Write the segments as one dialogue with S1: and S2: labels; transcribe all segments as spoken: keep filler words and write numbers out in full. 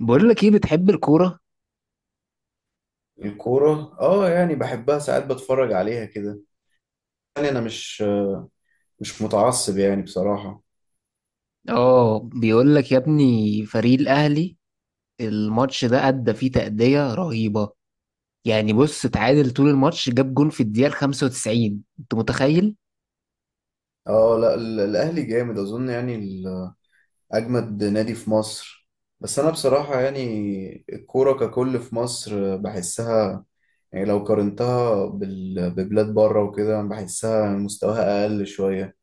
S1: بقول لك ايه، بتحب الكورة؟
S2: الكورة اه، يعني بحبها ساعات، بتفرج عليها كده. يعني انا مش مش متعصب يعني بصراحة.
S1: اه بيقول لك يا ابني فريق الاهلي الماتش ده ادى فيه تأدية رهيبة. يعني بص اتعادل طول الماتش، جاب جون في الدقيقة ال خمسة وتسعين، انت متخيل؟
S2: اه لا، ال- الاهلي جامد اظن، يعني ال- اجمد نادي في مصر. بس انا بصراحة يعني الكورة ككل في مصر بحسها، يعني لو قارنتها بال- ببلاد بره وكده بحسها مستواها اقل شوية.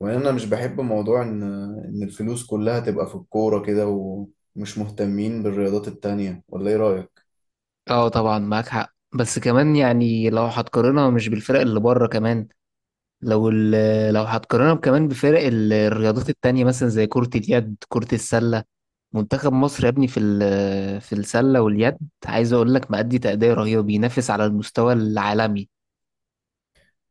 S2: وان انا مش بحب موضوع ان ان الفلوس كلها تبقى في الكورة كده، ومش مهتمين بالرياضات التانية. ولا ايه رأيك؟
S1: اه طبعا معاك حق، بس كمان يعني لو هتقارنها مش بالفرق اللي بره، كمان لو ال- لو هتقارنها كمان بفرق ال- الرياضات التانية مثلا زي كرة اليد، كرة السلة. منتخب مصر يا ابني في ال- في السلة واليد، عايز اقول لك مأدي تأدية رهيبة، بينافس على المستوى العالمي.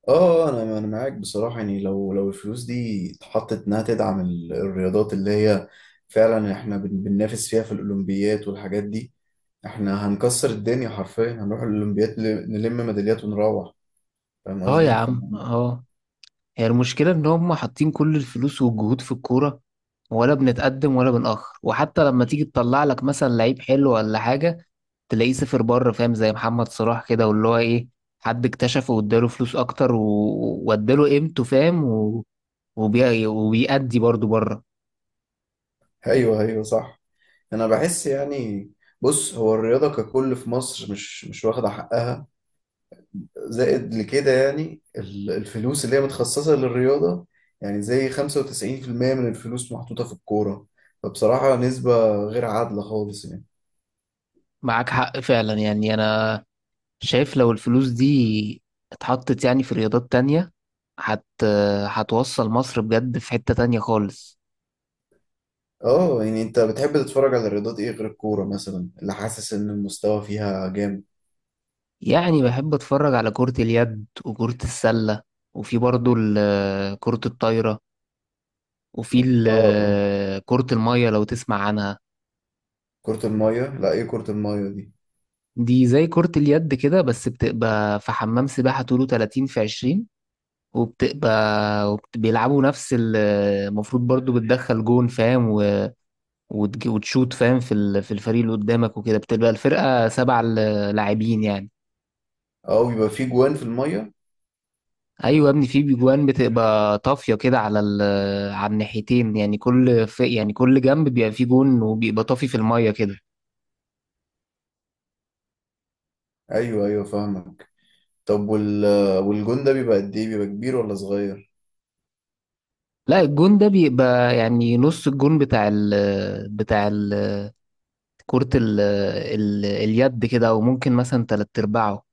S2: اه، انا انا معاك بصراحه. يعني لو لو الفلوس دي اتحطت انها تدعم ال- الرياضات اللي هي فعلا احنا بن- بننافس فيها في الاولمبيات والحاجات دي، احنا هنكسر الدنيا حرفيا، هنروح الاولمبيات ل- نلم ميداليات ونروح. فاهم
S1: اه يا
S2: قصدي ف...
S1: عم اه، هي المشكلة ان هم حاطين كل الفلوس والجهود في الكورة، ولا بنتقدم ولا بنأخر. وحتى لما تيجي تطلع لك مثلا لعيب حلو ولا حاجة تلاقيه صفر بره، فاهم؟ زي محمد صلاح كده، واللي هو ايه، حد اكتشفه واداله فلوس اكتر و- واداله قيمته، فاهم؟ و... وبي... وبيأدي برضه بره.
S2: ايوه، ايوه، صح. انا بحس يعني، بص هو الرياضه ككل في مصر مش مش واخده حقها. زائد لكده يعني ال- الفلوس اللي هي متخصصة للرياضة، يعني زي خمسة وتسعين في المية من الفلوس محطوطة في الكورة. فبصراحة نسبة غير عادلة خالص يعني.
S1: معاك حق فعلا، يعني انا شايف لو الفلوس دي اتحطت يعني في رياضات تانية هت... هتوصل مصر بجد في حتة تانية خالص.
S2: اه، يعني انت بتحب تتفرج على الرياضات ايه غير الكورة مثلا، اللي حاسس ان المستوى فيها جامد؟
S1: يعني بحب اتفرج على كرة اليد وكرة السلة، وفي برضو ال- كرة الطايرة، وفي
S2: اه اه.
S1: ال- كرة المية، لو تسمع عنها.
S2: كرة المية؟ لا، ايه كرة المية دي؟
S1: دي زي كرة اليد كده، بس بتبقى في حمام سباحة طوله ثلاثين في عشرين، وبتبقى وبت- بيلعبوا نفس ال- المفروض برضو بتدخل جون، فاهم؟ و- وتج- وتشوت فاهم في ال- في الفريق اللي قدامك وكده، بتبقى الفرقة سبع لاعبين يعني.
S2: اه، بيبقى في جوان في المية؟
S1: ايوه يا ابني في بيجوان بتبقى طافيه كده على ال آه، على الناحيتين، يعني كل في، يعني كل جنب بيبقى فيه جون، وبيبقى طافي في الميه كده.
S2: ايوه، ايوه، فاهمك. طب وال والجون ده بيبقى قد ايه؟ بيبقى كبير ولا صغير؟
S1: لا الجون ده بيبقى يعني نص الجون بتاع ال آه، بتاع ال آه، كرة ال آه، ال آه، اليد كده، او ممكن مثلا تلات ارباعه.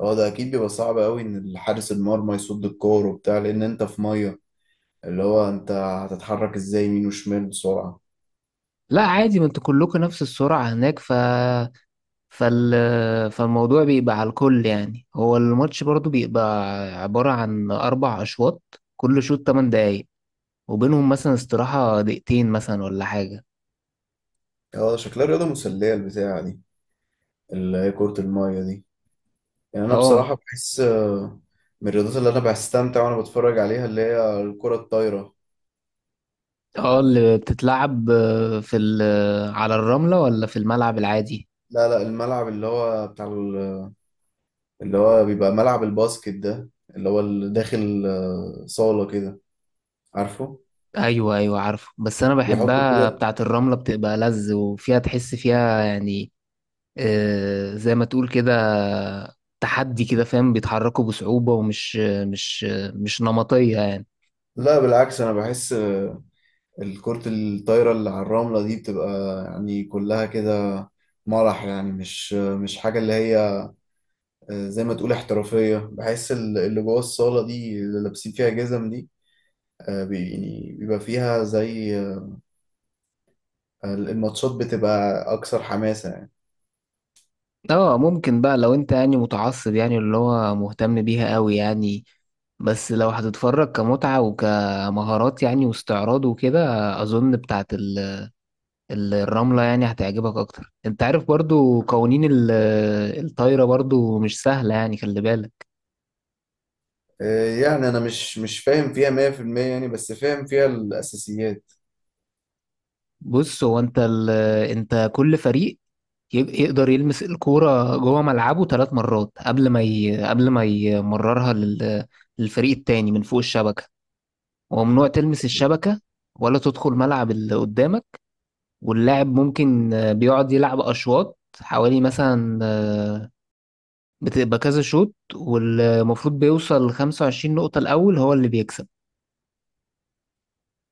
S2: اه، ده اكيد بيبقى صعب قوي ان الحارس المرمى يصد الكورة وبتاع، لان انت في مية. اللي هو انت هتتحرك ازاي يمين وشمال بسرعة؟
S1: لا عادي، ما انتوا كلكم نفس السرعه هناك، ف فال فالموضوع بيبقى على الكل يعني. هو الماتش برضو بيبقى عباره عن اربع اشواط، كل شوط ثماني دقايق، وبينهم مثلا استراحة دقيقتين مثلا ولا حاجة.
S2: اه، شكلها رياضة مسلية البتاعة دي، اللي هي كرة المية دي. يعني انا
S1: اه
S2: بصراحة بحس آه، من الرياضات اللي انا بستمتع وانا بتفرج عليها اللي هي الكرة الطايرة.
S1: اه، اللي بتتلعب آه، في ال- آه، على الرملة ولا في الملعب العادي؟
S2: لا لا، الملعب اللي هو بتاع ال- اللي هو بيبقى ملعب الباسكت ده، اللي هو اللي داخل آه، صالة كده، عارفه،
S1: ايوه ايوه عارفه، بس انا
S2: بيحطوا
S1: بحبها
S2: كده.
S1: بتاعة الرملة، بتبقى لذ وفيها تحس فيها يعني، آه، زي ما تقول كده تحدي كده، فاهم؟ بيتحركوا بصعوبة، ومش آه، مش آه، مش نمطية يعني.
S2: لا بالعكس، انا بحس آه، الكرة الطايرة اللي على الرملة دي بتبقى يعني كلها كده مرح، يعني مش آه، مش حاجة اللي هي آه، زي ما تقول احترافية. بحس ال- اللي جوه الصالة دي اللي لابسين فيها جزم دي، آه، بي- يعني بيبقى فيها زي، آه، الماتشات بتبقى أكثر حماسة يعني.
S1: اه ممكن بقى لو انت يعني متعصب، يعني اللي هو مهتم بيها قوي يعني، بس لو هتتفرج كمتعة وكمهارات يعني واستعراض وكده، اظن بتاعت ال- ال- الرملة يعني هتعجبك اكتر. انت عارف برضو قوانين ال- الطايرة برضو مش سهلة يعني، خلي بالك.
S2: آه، يعني أنا مش مش فاهم فيها مية في المية يعني، بس فاهم فيها الأساسيات.
S1: بص هو انت ال- انت كل فريق ي- يقدر يلمس الكورة جوه ملعبه ثلاث مرات قبل ما ي... قبل ما يمررها لل... للفريق التاني من فوق الشبكة، وممنوع تلمس الشبكة ولا تدخل ملعب اللي قدامك. واللاعب ممكن آه، بيقعد يلعب أشواط، حوالي مثلا آه، بتبقى كذا شوط، والمفروض بيوصل لخمسة وعشرين نقطة الأول هو اللي بيكسب.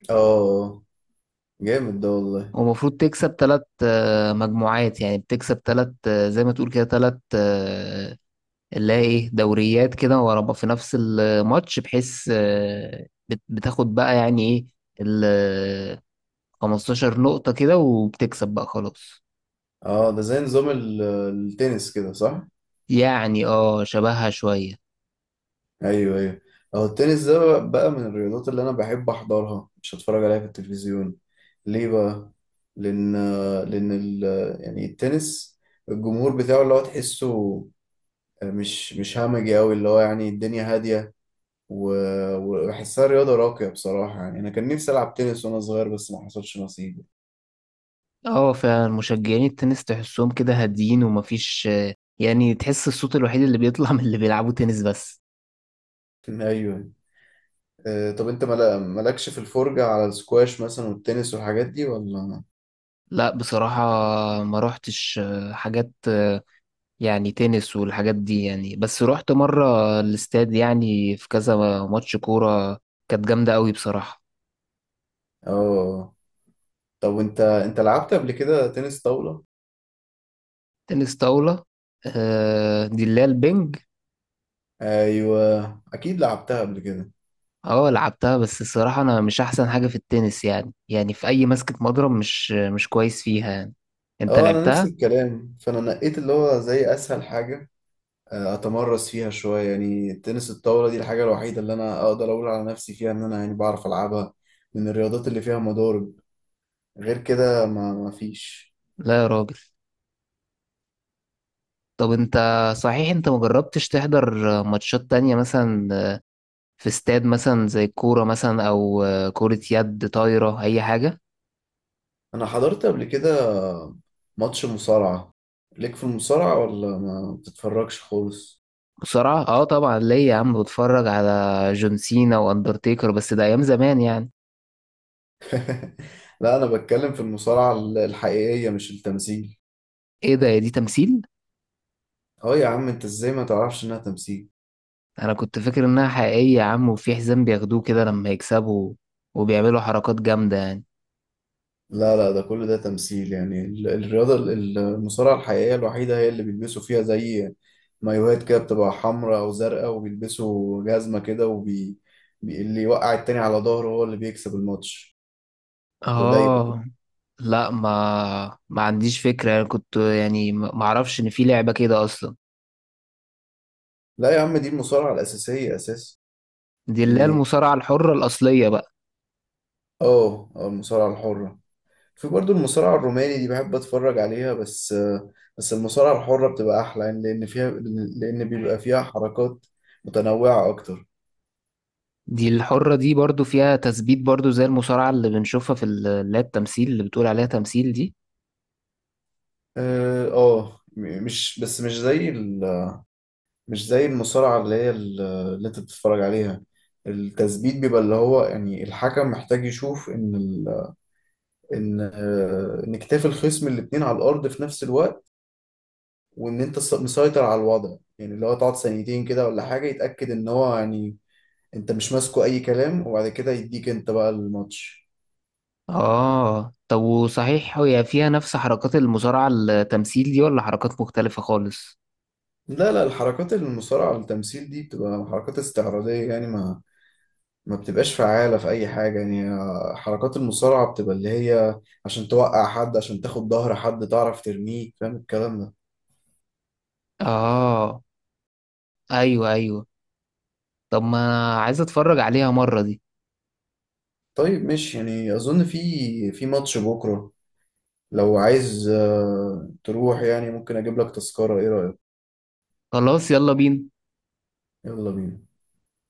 S2: اه، جامد ده والله.
S1: ومفروض تكسب تلات آه، مجموعات، يعني بتكسب تلات آه، زي ما تقول كده تلات آه، اللي هي ايه، دوريات كده ورا بعض في نفس الماتش، بحيث آه، بت- بتاخد بقى يعني ايه ال خمستاشر نقطة كده وبتكسب بقى خلاص.
S2: اه ده زي نظام ال- التنس كده، صح؟
S1: يعني اه شبهها شوية.
S2: ايوه، ايوه. اهو التنس ده بقى بقى من الرياضات اللي انا بحب احضرها، مش هتفرج عليها في التلفزيون. ليه بقى؟ لان لان ال... يعني التنس، الجمهور بتاعه اللي هو تحسه مش مش همجي قوي، اللي هو يعني الدنيا هاديه، و... وبحسها رياضه راقيه بصراحه. يعني انا كان نفسي العب تنس وانا صغير، بس ما حصلش نصيب.
S1: اه فعلا مشجعين التنس تحسهم كده هاديين، ومفيش آه، يعني تحس الصوت الوحيد اللي بيطلع من اللي بيلعبوا تنس بس.
S2: ايوه. آه، طب انت ملا- مالكش في الفرجه على السكواش مثلا والتنس والحاجات دي ولا؟
S1: لا بصراحة، ما روحتش آه، حاجات آه، يعني تنس والحاجات دي يعني، بس روحت مرة الاستاد يعني في كذا ماتش كورة، كانت جامدة قوي بصراحة.
S2: اه، طب انت انت لعبت قبل كده تنس طاوله؟
S1: تنس طاولة، آه، دي اللي هي البنج.
S2: ايوه، اكيد لعبتها قبل كده.
S1: اه لعبتها، بس الصراحة أنا مش أحسن حاجة في التنس يعني، يعني في أي مسكة مضرب مش مش كويس فيها يعني. أنت
S2: اه، انا نفس
S1: لعبتها؟
S2: الكلام، فانا نقيت اللي هو زي اسهل حاجه، آه، اتمرس فيها شويه، يعني تنس الطاوله دي الحاجه الوحيده اللي انا اقدر اقول على نفسي فيها ان انا يعني بعرف العبها من الرياضات اللي فيها مضارب. غير كده ما ما فيش.
S1: لا يا راجل. طب أنت، صحيح أنت مجربتش تحضر ماتشات تانية مثلا في استاد، مثلا زي الكورة مثلا، أو كرة يد، طايرة، أي حاجة؟
S2: انا حضرت قبل كده ماتش مصارعه. ليك في المصارعه ولا ما بتتفرجش خالص؟
S1: بسرعة؟ اه طبعا ليا يا عم، بتفرج على جون سينا وأندرتيكر، بس ده أيام زمان يعني.
S2: لا انا بتكلم في المصارعه الحقيقيه، مش التمثيل.
S1: إيه ده يا دي تمثيل؟
S2: اه يا عم، انت ازاي ما تعرفش انها تمثيل؟
S1: أنا كنت فاكر إنها حقيقية يا عم، وفي حزام بياخدوه كده لما يكسبوا، وبيعملوا حركات جامدة يعني.
S2: لا لا، ده كل ده تمثيل يعني. ال- الرياضة ال- المصارعة الحقيقية الوحيدة هي اللي بيلبسوا فيها زي مايوهات كده، بتبقى حمراء أو زرقاء، وبيلبسوا جزمة كده، وبي بي- اللي يوقع التاني على ظهره هو اللي بيكسب الماتش. تبقى ضيق.
S1: اه لا، ما ما عنديش فكرة يعني، كنت يعني ما ما اعرفش ان في لعبة كده اصلا.
S2: لا يا عم، دي المصارعة الأساسية، أساس
S1: دي اللي هي
S2: يعني.
S1: المصارعة الحرة الاصلية بقى.
S2: اه، آه، المصارعة الحرة. في برضو المصارعة الروماني دي بحب أتفرج عليها، بس آه، بس المصارعة الحرة بتبقى أحلى يعني، لأن فيها، لأن بيبقى فيها حركات متنوعة أكتر.
S1: دي الحرة دي برضو فيها تثبيت برضو، زي المصارعة اللي بنشوفها في ال- اللي هي التمثيل، اللي بتقول عليها تمثيل دي.
S2: اه آه، م- مش بس، مش زي ال... مش زي المصارعة اللي هي ال- اللي انت بتتفرج عليها. التثبيت بيبقى اللي هو يعني الحكم محتاج يشوف ان ال... ان آه، ان كتاف الخصم الاتنين على الارض في نفس الوقت، وان انت س- مسيطر على الوضع، يعني اللي هو تقعد ثانيتين كده ولا حاجة، يتأكد ان هو يعني انت مش ماسكه اي كلام، وبعد كده يديك انت بقى الماتش.
S1: اه طب وصحيح هي فيها نفس حركات المصارعة التمثيل دي، ولا حركات مختلفة خالص؟
S2: لا لا، الحركات المصارعة التمثيل دي بتبقى حركات استعراضية، يعني ما ما بتبقاش فعالة في أي حاجة يعني. آه، حركات المصارعة بتبقى اللي هي عشان توقع حد، عشان تاخد ظهر حد، تعرف ترميه، فاهم الكلام ده.
S1: اه ايوه ايوه، طب ما انا عايز اتفرج عليها مرة دي.
S2: طيب ماشي، يعني أظن في في ماتش بكرة. لو عايز آه، تروح، يعني ممكن أجيب لك تذكرة، إيه رأيك؟
S1: خلاص يلا بينا.
S2: يلا بينا.